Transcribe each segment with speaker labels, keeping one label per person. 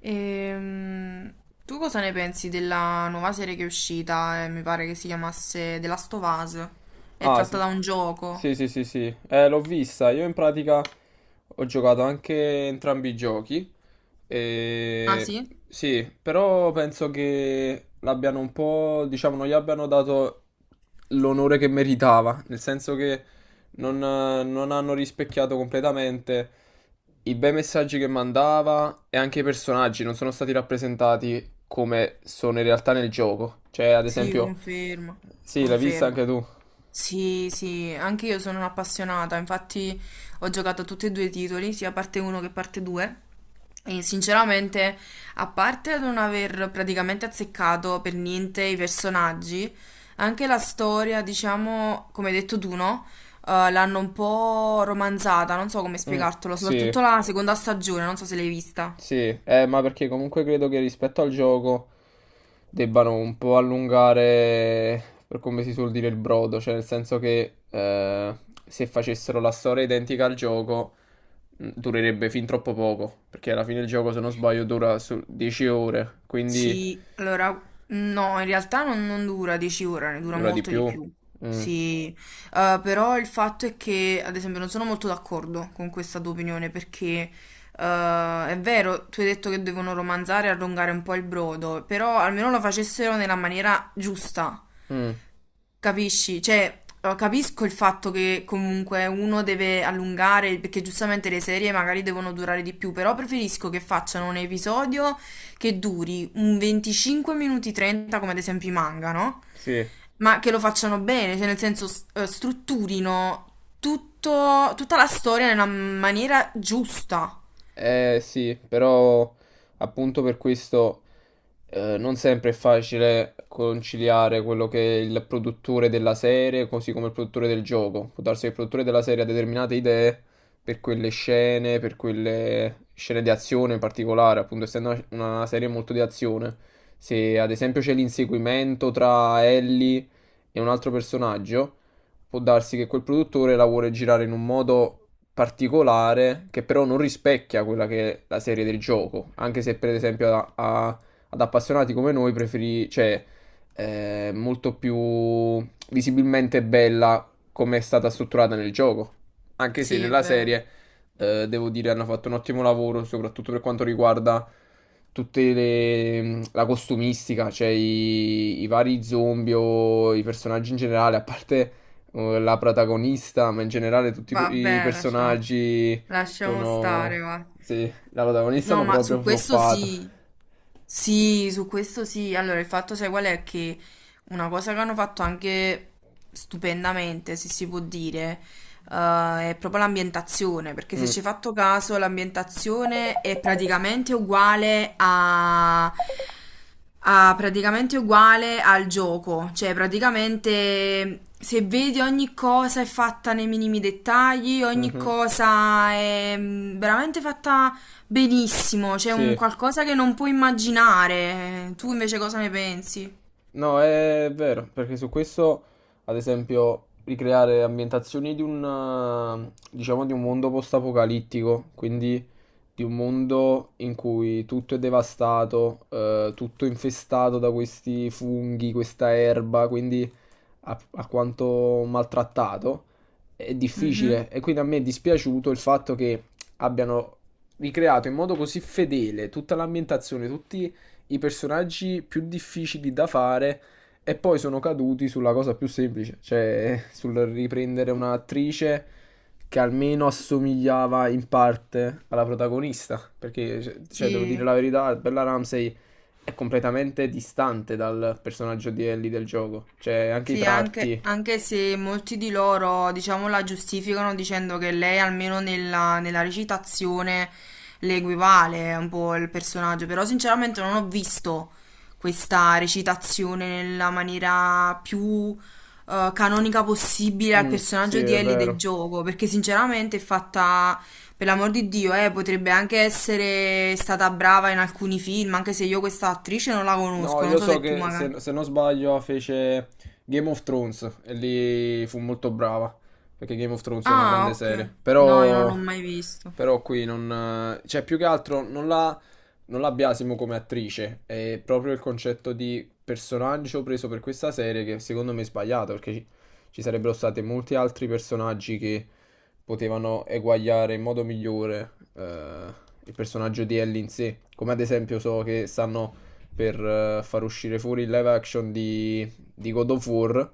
Speaker 1: Ehm, Tu cosa ne pensi della nuova serie che è uscita? Mi pare che si chiamasse The Last of Us. È
Speaker 2: Ah,
Speaker 1: tratta
Speaker 2: sì.
Speaker 1: da un gioco.
Speaker 2: Sì, sì, sì, sì. L'ho vista. Io in pratica ho giocato anche entrambi i giochi.
Speaker 1: Ah
Speaker 2: E...
Speaker 1: sì?
Speaker 2: Sì, però penso che l'abbiano un po', diciamo, non gli abbiano dato l'onore che meritava, nel senso che non hanno rispecchiato completamente i bei messaggi che mandava e anche i personaggi non sono stati rappresentati come sono in realtà nel gioco. Cioè, ad
Speaker 1: Sì,
Speaker 2: esempio,
Speaker 1: confermo.
Speaker 2: sì, l'hai vista
Speaker 1: Confermo.
Speaker 2: anche tu.
Speaker 1: Sì, sì, anche io sono un'appassionata, infatti ho giocato a tutti e due i titoli, sia parte 1 che parte 2. E sinceramente, a parte non aver praticamente azzeccato per niente i personaggi, anche la storia, diciamo, come hai detto tu, no? L'hanno un po' romanzata, non so come
Speaker 2: Mm,
Speaker 1: spiegartelo,
Speaker 2: sì,
Speaker 1: soprattutto la seconda stagione, non so se l'hai vista.
Speaker 2: sì, ma perché comunque credo che rispetto al gioco debbano un po' allungare, per come si suol dire, il brodo, cioè nel senso che se facessero la storia identica al gioco durerebbe fin troppo poco, perché alla fine il gioco, se non sbaglio, dura su 10 ore, quindi
Speaker 1: Sì, allora, no, in realtà non dura 10 ore, ne dura
Speaker 2: dura di
Speaker 1: molto
Speaker 2: più.
Speaker 1: di più.
Speaker 2: Mm,
Speaker 1: Sì, però il fatto è che, ad esempio, non sono molto d'accordo con questa tua opinione perché è vero, tu hai detto che devono romanzare e allungare un po' il brodo, però almeno lo facessero nella maniera giusta.
Speaker 2: mm,
Speaker 1: Capisci? Cioè, capisco il fatto che comunque uno deve allungare, perché giustamente le serie magari devono durare di più, però preferisco che facciano un episodio che duri un 25 minuti 30, come ad esempio i manga, no?
Speaker 2: sì.
Speaker 1: Ma che lo facciano bene, cioè nel senso strutturino tutta la storia nella maniera giusta.
Speaker 2: Eh sì, però appunto per questo non sempre è facile conciliare quello che è il produttore della serie, così come il produttore del gioco. Può darsi che il produttore della serie ha determinate idee per quelle scene di azione in particolare, appunto essendo una serie molto di azione. Se ad esempio c'è l'inseguimento tra Ellie e un altro personaggio, può darsi che quel produttore la vuole girare in un modo particolare che però non rispecchia quella che è la serie del gioco, anche se per esempio ad appassionati come noi preferi, cioè è molto più visibilmente bella come è stata strutturata nel gioco, anche se
Speaker 1: Sì,
Speaker 2: nella
Speaker 1: beh,
Speaker 2: serie devo dire hanno fatto un ottimo lavoro, soprattutto per quanto riguarda tutta la costumistica, cioè i vari zombie o i personaggi in generale, a parte la protagonista, ma in generale tutti i
Speaker 1: vabbè, lasciamo,
Speaker 2: personaggi
Speaker 1: lasciamo stare,
Speaker 2: sono.
Speaker 1: va.
Speaker 2: Sì, la protagonista
Speaker 1: No,
Speaker 2: hanno
Speaker 1: ma su
Speaker 2: proprio
Speaker 1: questo
Speaker 2: floppato.
Speaker 1: sì. Sì, su questo sì. Allora, il fatto, sai qual è? Che una cosa che hanno fatto anche stupendamente, se si può dire, è proprio l'ambientazione, perché se
Speaker 2: Mm,
Speaker 1: ci hai fatto caso, l'ambientazione è praticamente uguale praticamente uguale al gioco, cioè praticamente se vedi ogni cosa è fatta nei minimi dettagli, ogni
Speaker 2: mhm,
Speaker 1: cosa è veramente fatta benissimo, c'è un
Speaker 2: sì.
Speaker 1: qualcosa che non puoi immaginare. Tu
Speaker 2: Eh,
Speaker 1: invece cosa ne pensi?
Speaker 2: No, è vero, perché su questo, ad esempio, ricreare ambientazioni di un, diciamo, di un mondo post-apocalittico, quindi di un mondo in cui tutto è devastato, tutto infestato da questi funghi, questa erba, quindi a quanto maltrattato, è
Speaker 1: Mhm.
Speaker 2: difficile. E quindi a me è dispiaciuto il fatto che abbiano ricreato in modo così fedele tutta l'ambientazione, tutti i personaggi più difficili da fare e poi sono caduti sulla cosa più semplice, cioè sul riprendere un'attrice che almeno assomigliava in parte alla protagonista, perché cioè, devo
Speaker 1: Sì,
Speaker 2: dire la verità, Bella Ramsey è completamente distante dal personaggio di Ellie del gioco. Cioè, anche i
Speaker 1: sì, anche,
Speaker 2: tratti.
Speaker 1: anche se molti di loro, diciamo, la giustificano dicendo che lei almeno nella recitazione le equivale un po' il personaggio, però sinceramente non ho visto questa recitazione nella maniera più canonica possibile al
Speaker 2: Mm, sì,
Speaker 1: personaggio di
Speaker 2: è
Speaker 1: Ellie del
Speaker 2: vero.
Speaker 1: gioco, perché sinceramente è fatta, per l'amor di Dio, potrebbe anche essere stata brava in alcuni film, anche se io questa attrice non la
Speaker 2: No,
Speaker 1: conosco, non
Speaker 2: io
Speaker 1: so
Speaker 2: so
Speaker 1: se tu
Speaker 2: che se,
Speaker 1: magari...
Speaker 2: se non sbaglio fece Game of Thrones e lì fu molto brava, perché Game of Thrones è una
Speaker 1: Ah,
Speaker 2: grande
Speaker 1: ok.
Speaker 2: serie,
Speaker 1: No, io non
Speaker 2: però,
Speaker 1: l'ho mai visto.
Speaker 2: però qui non, cioè più che altro non la biasimo come attrice, è proprio il concetto di personaggio preso per questa serie che secondo me è sbagliato, perché ci sarebbero stati molti altri personaggi che potevano eguagliare in modo migliore il personaggio di Ellie in sé, come ad esempio so che stanno per far uscire fuori il live action di God of War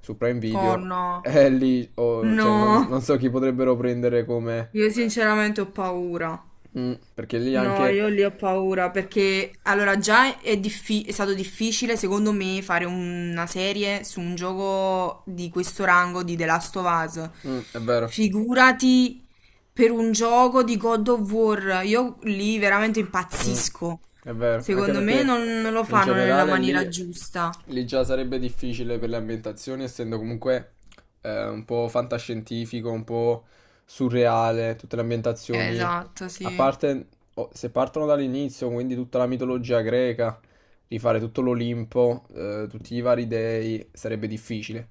Speaker 2: su Prime
Speaker 1: Oh
Speaker 2: Video.
Speaker 1: no.
Speaker 2: E lì oh, cioè, non,
Speaker 1: No,
Speaker 2: non so chi potrebbero prendere come.
Speaker 1: io sinceramente ho paura.
Speaker 2: Mm, perché lì
Speaker 1: No,
Speaker 2: anche.
Speaker 1: io lì ho paura perché allora già è stato difficile secondo me fare una serie su un gioco di questo rango di The Last of Us.
Speaker 2: Mm, è vero.
Speaker 1: Figurati per un gioco di God of War, io lì veramente
Speaker 2: Mm,
Speaker 1: impazzisco.
Speaker 2: è vero, anche
Speaker 1: Secondo me
Speaker 2: perché
Speaker 1: non lo
Speaker 2: in
Speaker 1: fanno nella
Speaker 2: generale lì,
Speaker 1: maniera giusta.
Speaker 2: lì già sarebbe difficile per le ambientazioni, essendo comunque un po' fantascientifico, un po' surreale, tutte le ambientazioni,
Speaker 1: Esatto,
Speaker 2: a
Speaker 1: sì.
Speaker 2: parte oh, se partono dall'inizio, quindi tutta la mitologia greca, rifare tutto l'Olimpo, tutti i vari dei, sarebbe difficile.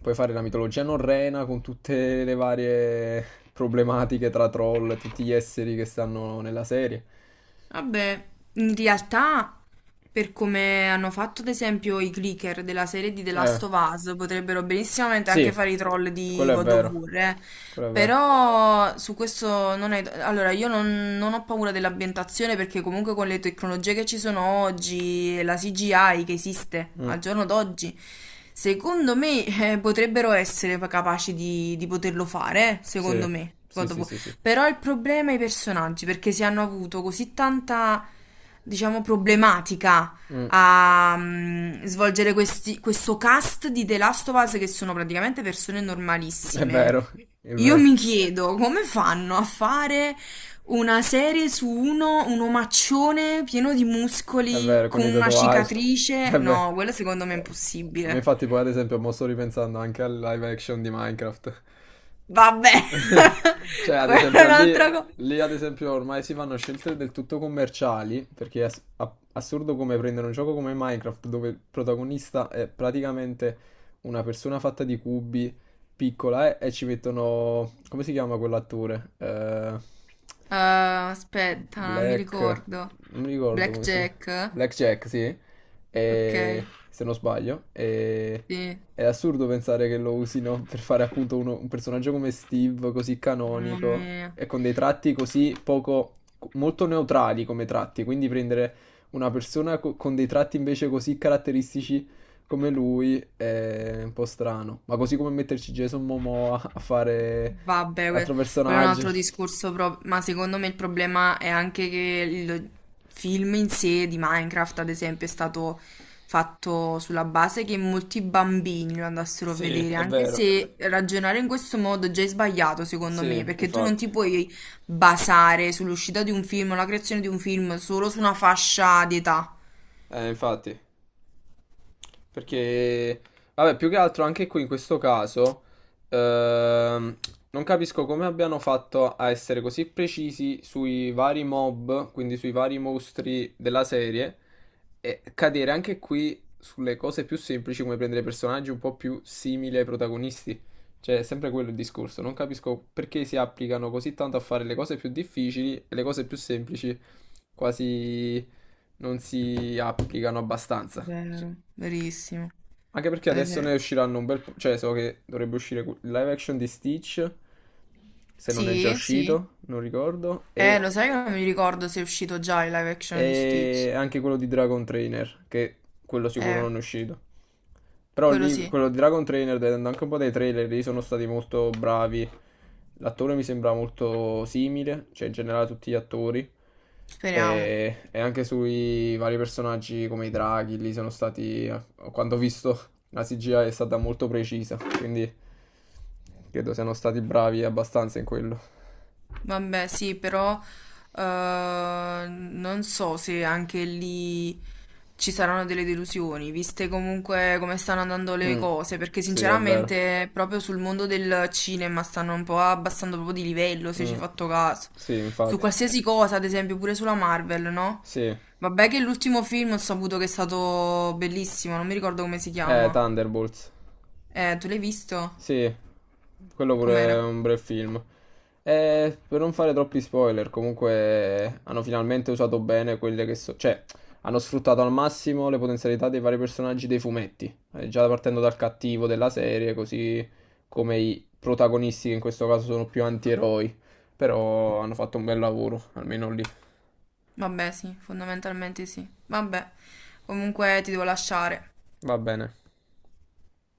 Speaker 2: Puoi fare la mitologia norrena con tutte le varie problematiche tra troll e tutti gli esseri che stanno nella serie.
Speaker 1: Vabbè, in realtà, per come hanno fatto ad esempio i clicker della serie di The
Speaker 2: Eh,
Speaker 1: Last of Us, potrebbero benissimamente
Speaker 2: sì,
Speaker 1: anche fare i troll di
Speaker 2: quello è
Speaker 1: God of
Speaker 2: vero.
Speaker 1: War, eh.
Speaker 2: Quello è vero.
Speaker 1: Però su questo non è... Allora, io non, non ho paura dell'ambientazione perché comunque con le tecnologie che ci sono oggi, e la CGI che esiste
Speaker 2: Mm,
Speaker 1: al giorno d'oggi, secondo me potrebbero essere capaci di poterlo fare,
Speaker 2: sì,
Speaker 1: secondo me.
Speaker 2: sì,
Speaker 1: God of
Speaker 2: sì,
Speaker 1: War.
Speaker 2: sì, sì.
Speaker 1: Però il problema è i personaggi, perché si hanno avuto così tanta, diciamo, problematica
Speaker 2: Mm,
Speaker 1: a svolgere questo cast di The Last of Us che sono praticamente persone
Speaker 2: è
Speaker 1: normalissime.
Speaker 2: vero, è
Speaker 1: Io mi
Speaker 2: vero.
Speaker 1: chiedo come fanno a fare una serie su uno, un omaccione pieno di
Speaker 2: È
Speaker 1: muscoli
Speaker 2: vero, con
Speaker 1: con
Speaker 2: i
Speaker 1: una
Speaker 2: tatuaggi.
Speaker 1: cicatrice?
Speaker 2: È vero.
Speaker 1: No, quello secondo me è
Speaker 2: Oh. A me
Speaker 1: impossibile.
Speaker 2: infatti poi ad esempio mo sto ripensando anche al live action di Minecraft.
Speaker 1: Vabbè,
Speaker 2: Cioè, ad
Speaker 1: quella è
Speaker 2: esempio,
Speaker 1: un'altra cosa.
Speaker 2: ad esempio ormai si fanno scelte del tutto commerciali, perché è assurdo come prendere un gioco come Minecraft, dove il protagonista è praticamente una persona fatta di cubi, piccola, e ci mettono, come si chiama quell'attore?
Speaker 1: Ah, aspetta, non mi
Speaker 2: Black...
Speaker 1: ricordo.
Speaker 2: non mi ricordo come si.
Speaker 1: Blackjack?
Speaker 2: Blackjack, sì, e-
Speaker 1: Ok,
Speaker 2: se non sbaglio.
Speaker 1: sì,
Speaker 2: È assurdo pensare che lo usino per fare appunto un personaggio come Steve, così
Speaker 1: mamma
Speaker 2: canonico,
Speaker 1: mia.
Speaker 2: e con dei tratti così poco, molto neutrali come tratti, quindi prendere una persona con dei tratti invece così caratteristici come lui è un po' strano, ma così come metterci Jason Momoa a fare
Speaker 1: Vabbè,
Speaker 2: l'altro
Speaker 1: quello è un
Speaker 2: personaggio.
Speaker 1: altro discorso, ma secondo me il problema è anche che il film in sé di Minecraft, ad esempio, è stato fatto sulla base che molti bambini lo andassero a
Speaker 2: Sì,
Speaker 1: vedere,
Speaker 2: è
Speaker 1: anche
Speaker 2: vero.
Speaker 1: se ragionare in questo modo già è sbagliato, secondo me,
Speaker 2: Sì,
Speaker 1: perché tu non
Speaker 2: infatti.
Speaker 1: ti puoi basare sull'uscita di un film o la creazione di un film solo su una fascia di età.
Speaker 2: Infatti. Perché, vabbè, più che altro anche qui in questo caso, ehm, non capisco come abbiano fatto a essere così precisi sui vari mob, quindi sui vari mostri della serie, e cadere anche qui sulle cose più semplici, come prendere personaggi un po' più simili ai protagonisti. Cioè, è sempre quello il discorso. Non capisco perché si applicano così tanto a fare le cose più difficili e le cose più semplici, quasi non si applicano abbastanza. Cioè,
Speaker 1: Vero, verissimo.
Speaker 2: anche perché
Speaker 1: Ad
Speaker 2: adesso ne
Speaker 1: esempio...
Speaker 2: usciranno un bel po'. Cioè, so che dovrebbe uscire il live action di Stitch, se non è già
Speaker 1: Sì, sì.
Speaker 2: uscito, non ricordo, e
Speaker 1: Lo sai che non mi ricordo se è uscito già il live action di Stitch.
Speaker 2: e anche quello di Dragon Trainer, che quello sicuro
Speaker 1: Eh,
Speaker 2: non è uscito. Però
Speaker 1: quello
Speaker 2: lì,
Speaker 1: sì,
Speaker 2: quello di Dragon Trainer, vedendo anche un po' dei trailer, lì sono stati molto bravi. L'attore mi sembra molto simile, cioè in generale tutti gli attori.
Speaker 1: speriamo.
Speaker 2: E anche sui vari personaggi come i draghi, lì sono stati, quando ho visto, la CGI è stata molto precisa, quindi credo siano stati bravi abbastanza in quello.
Speaker 1: Vabbè, sì, però eh, non so se anche lì ci saranno delle delusioni, viste comunque come stanno andando le
Speaker 2: Mm,
Speaker 1: cose, perché
Speaker 2: sì, è vero.
Speaker 1: sinceramente proprio sul mondo del cinema stanno un po' abbassando proprio di livello, se ci
Speaker 2: Mm,
Speaker 1: hai fatto caso.
Speaker 2: sì,
Speaker 1: Su
Speaker 2: infatti.
Speaker 1: qualsiasi cosa, ad esempio, pure sulla Marvel, no?
Speaker 2: Sì,
Speaker 1: Vabbè che l'ultimo film ho saputo che è stato bellissimo, non mi ricordo come si chiama.
Speaker 2: Thunderbolts.
Speaker 1: Tu l'hai visto?
Speaker 2: Sì, quello pure
Speaker 1: Com'era?
Speaker 2: è un bel film. Per non fare troppi spoiler, comunque hanno finalmente usato bene quelle che so. Cioè, hanno sfruttato al massimo le potenzialità dei vari personaggi dei fumetti. Già partendo dal cattivo della serie, così come i protagonisti, che in questo caso sono più antieroi. Però hanno fatto un bel lavoro, almeno lì.
Speaker 1: Vabbè, sì, fondamentalmente sì. Vabbè, comunque ti devo lasciare.
Speaker 2: Va bene.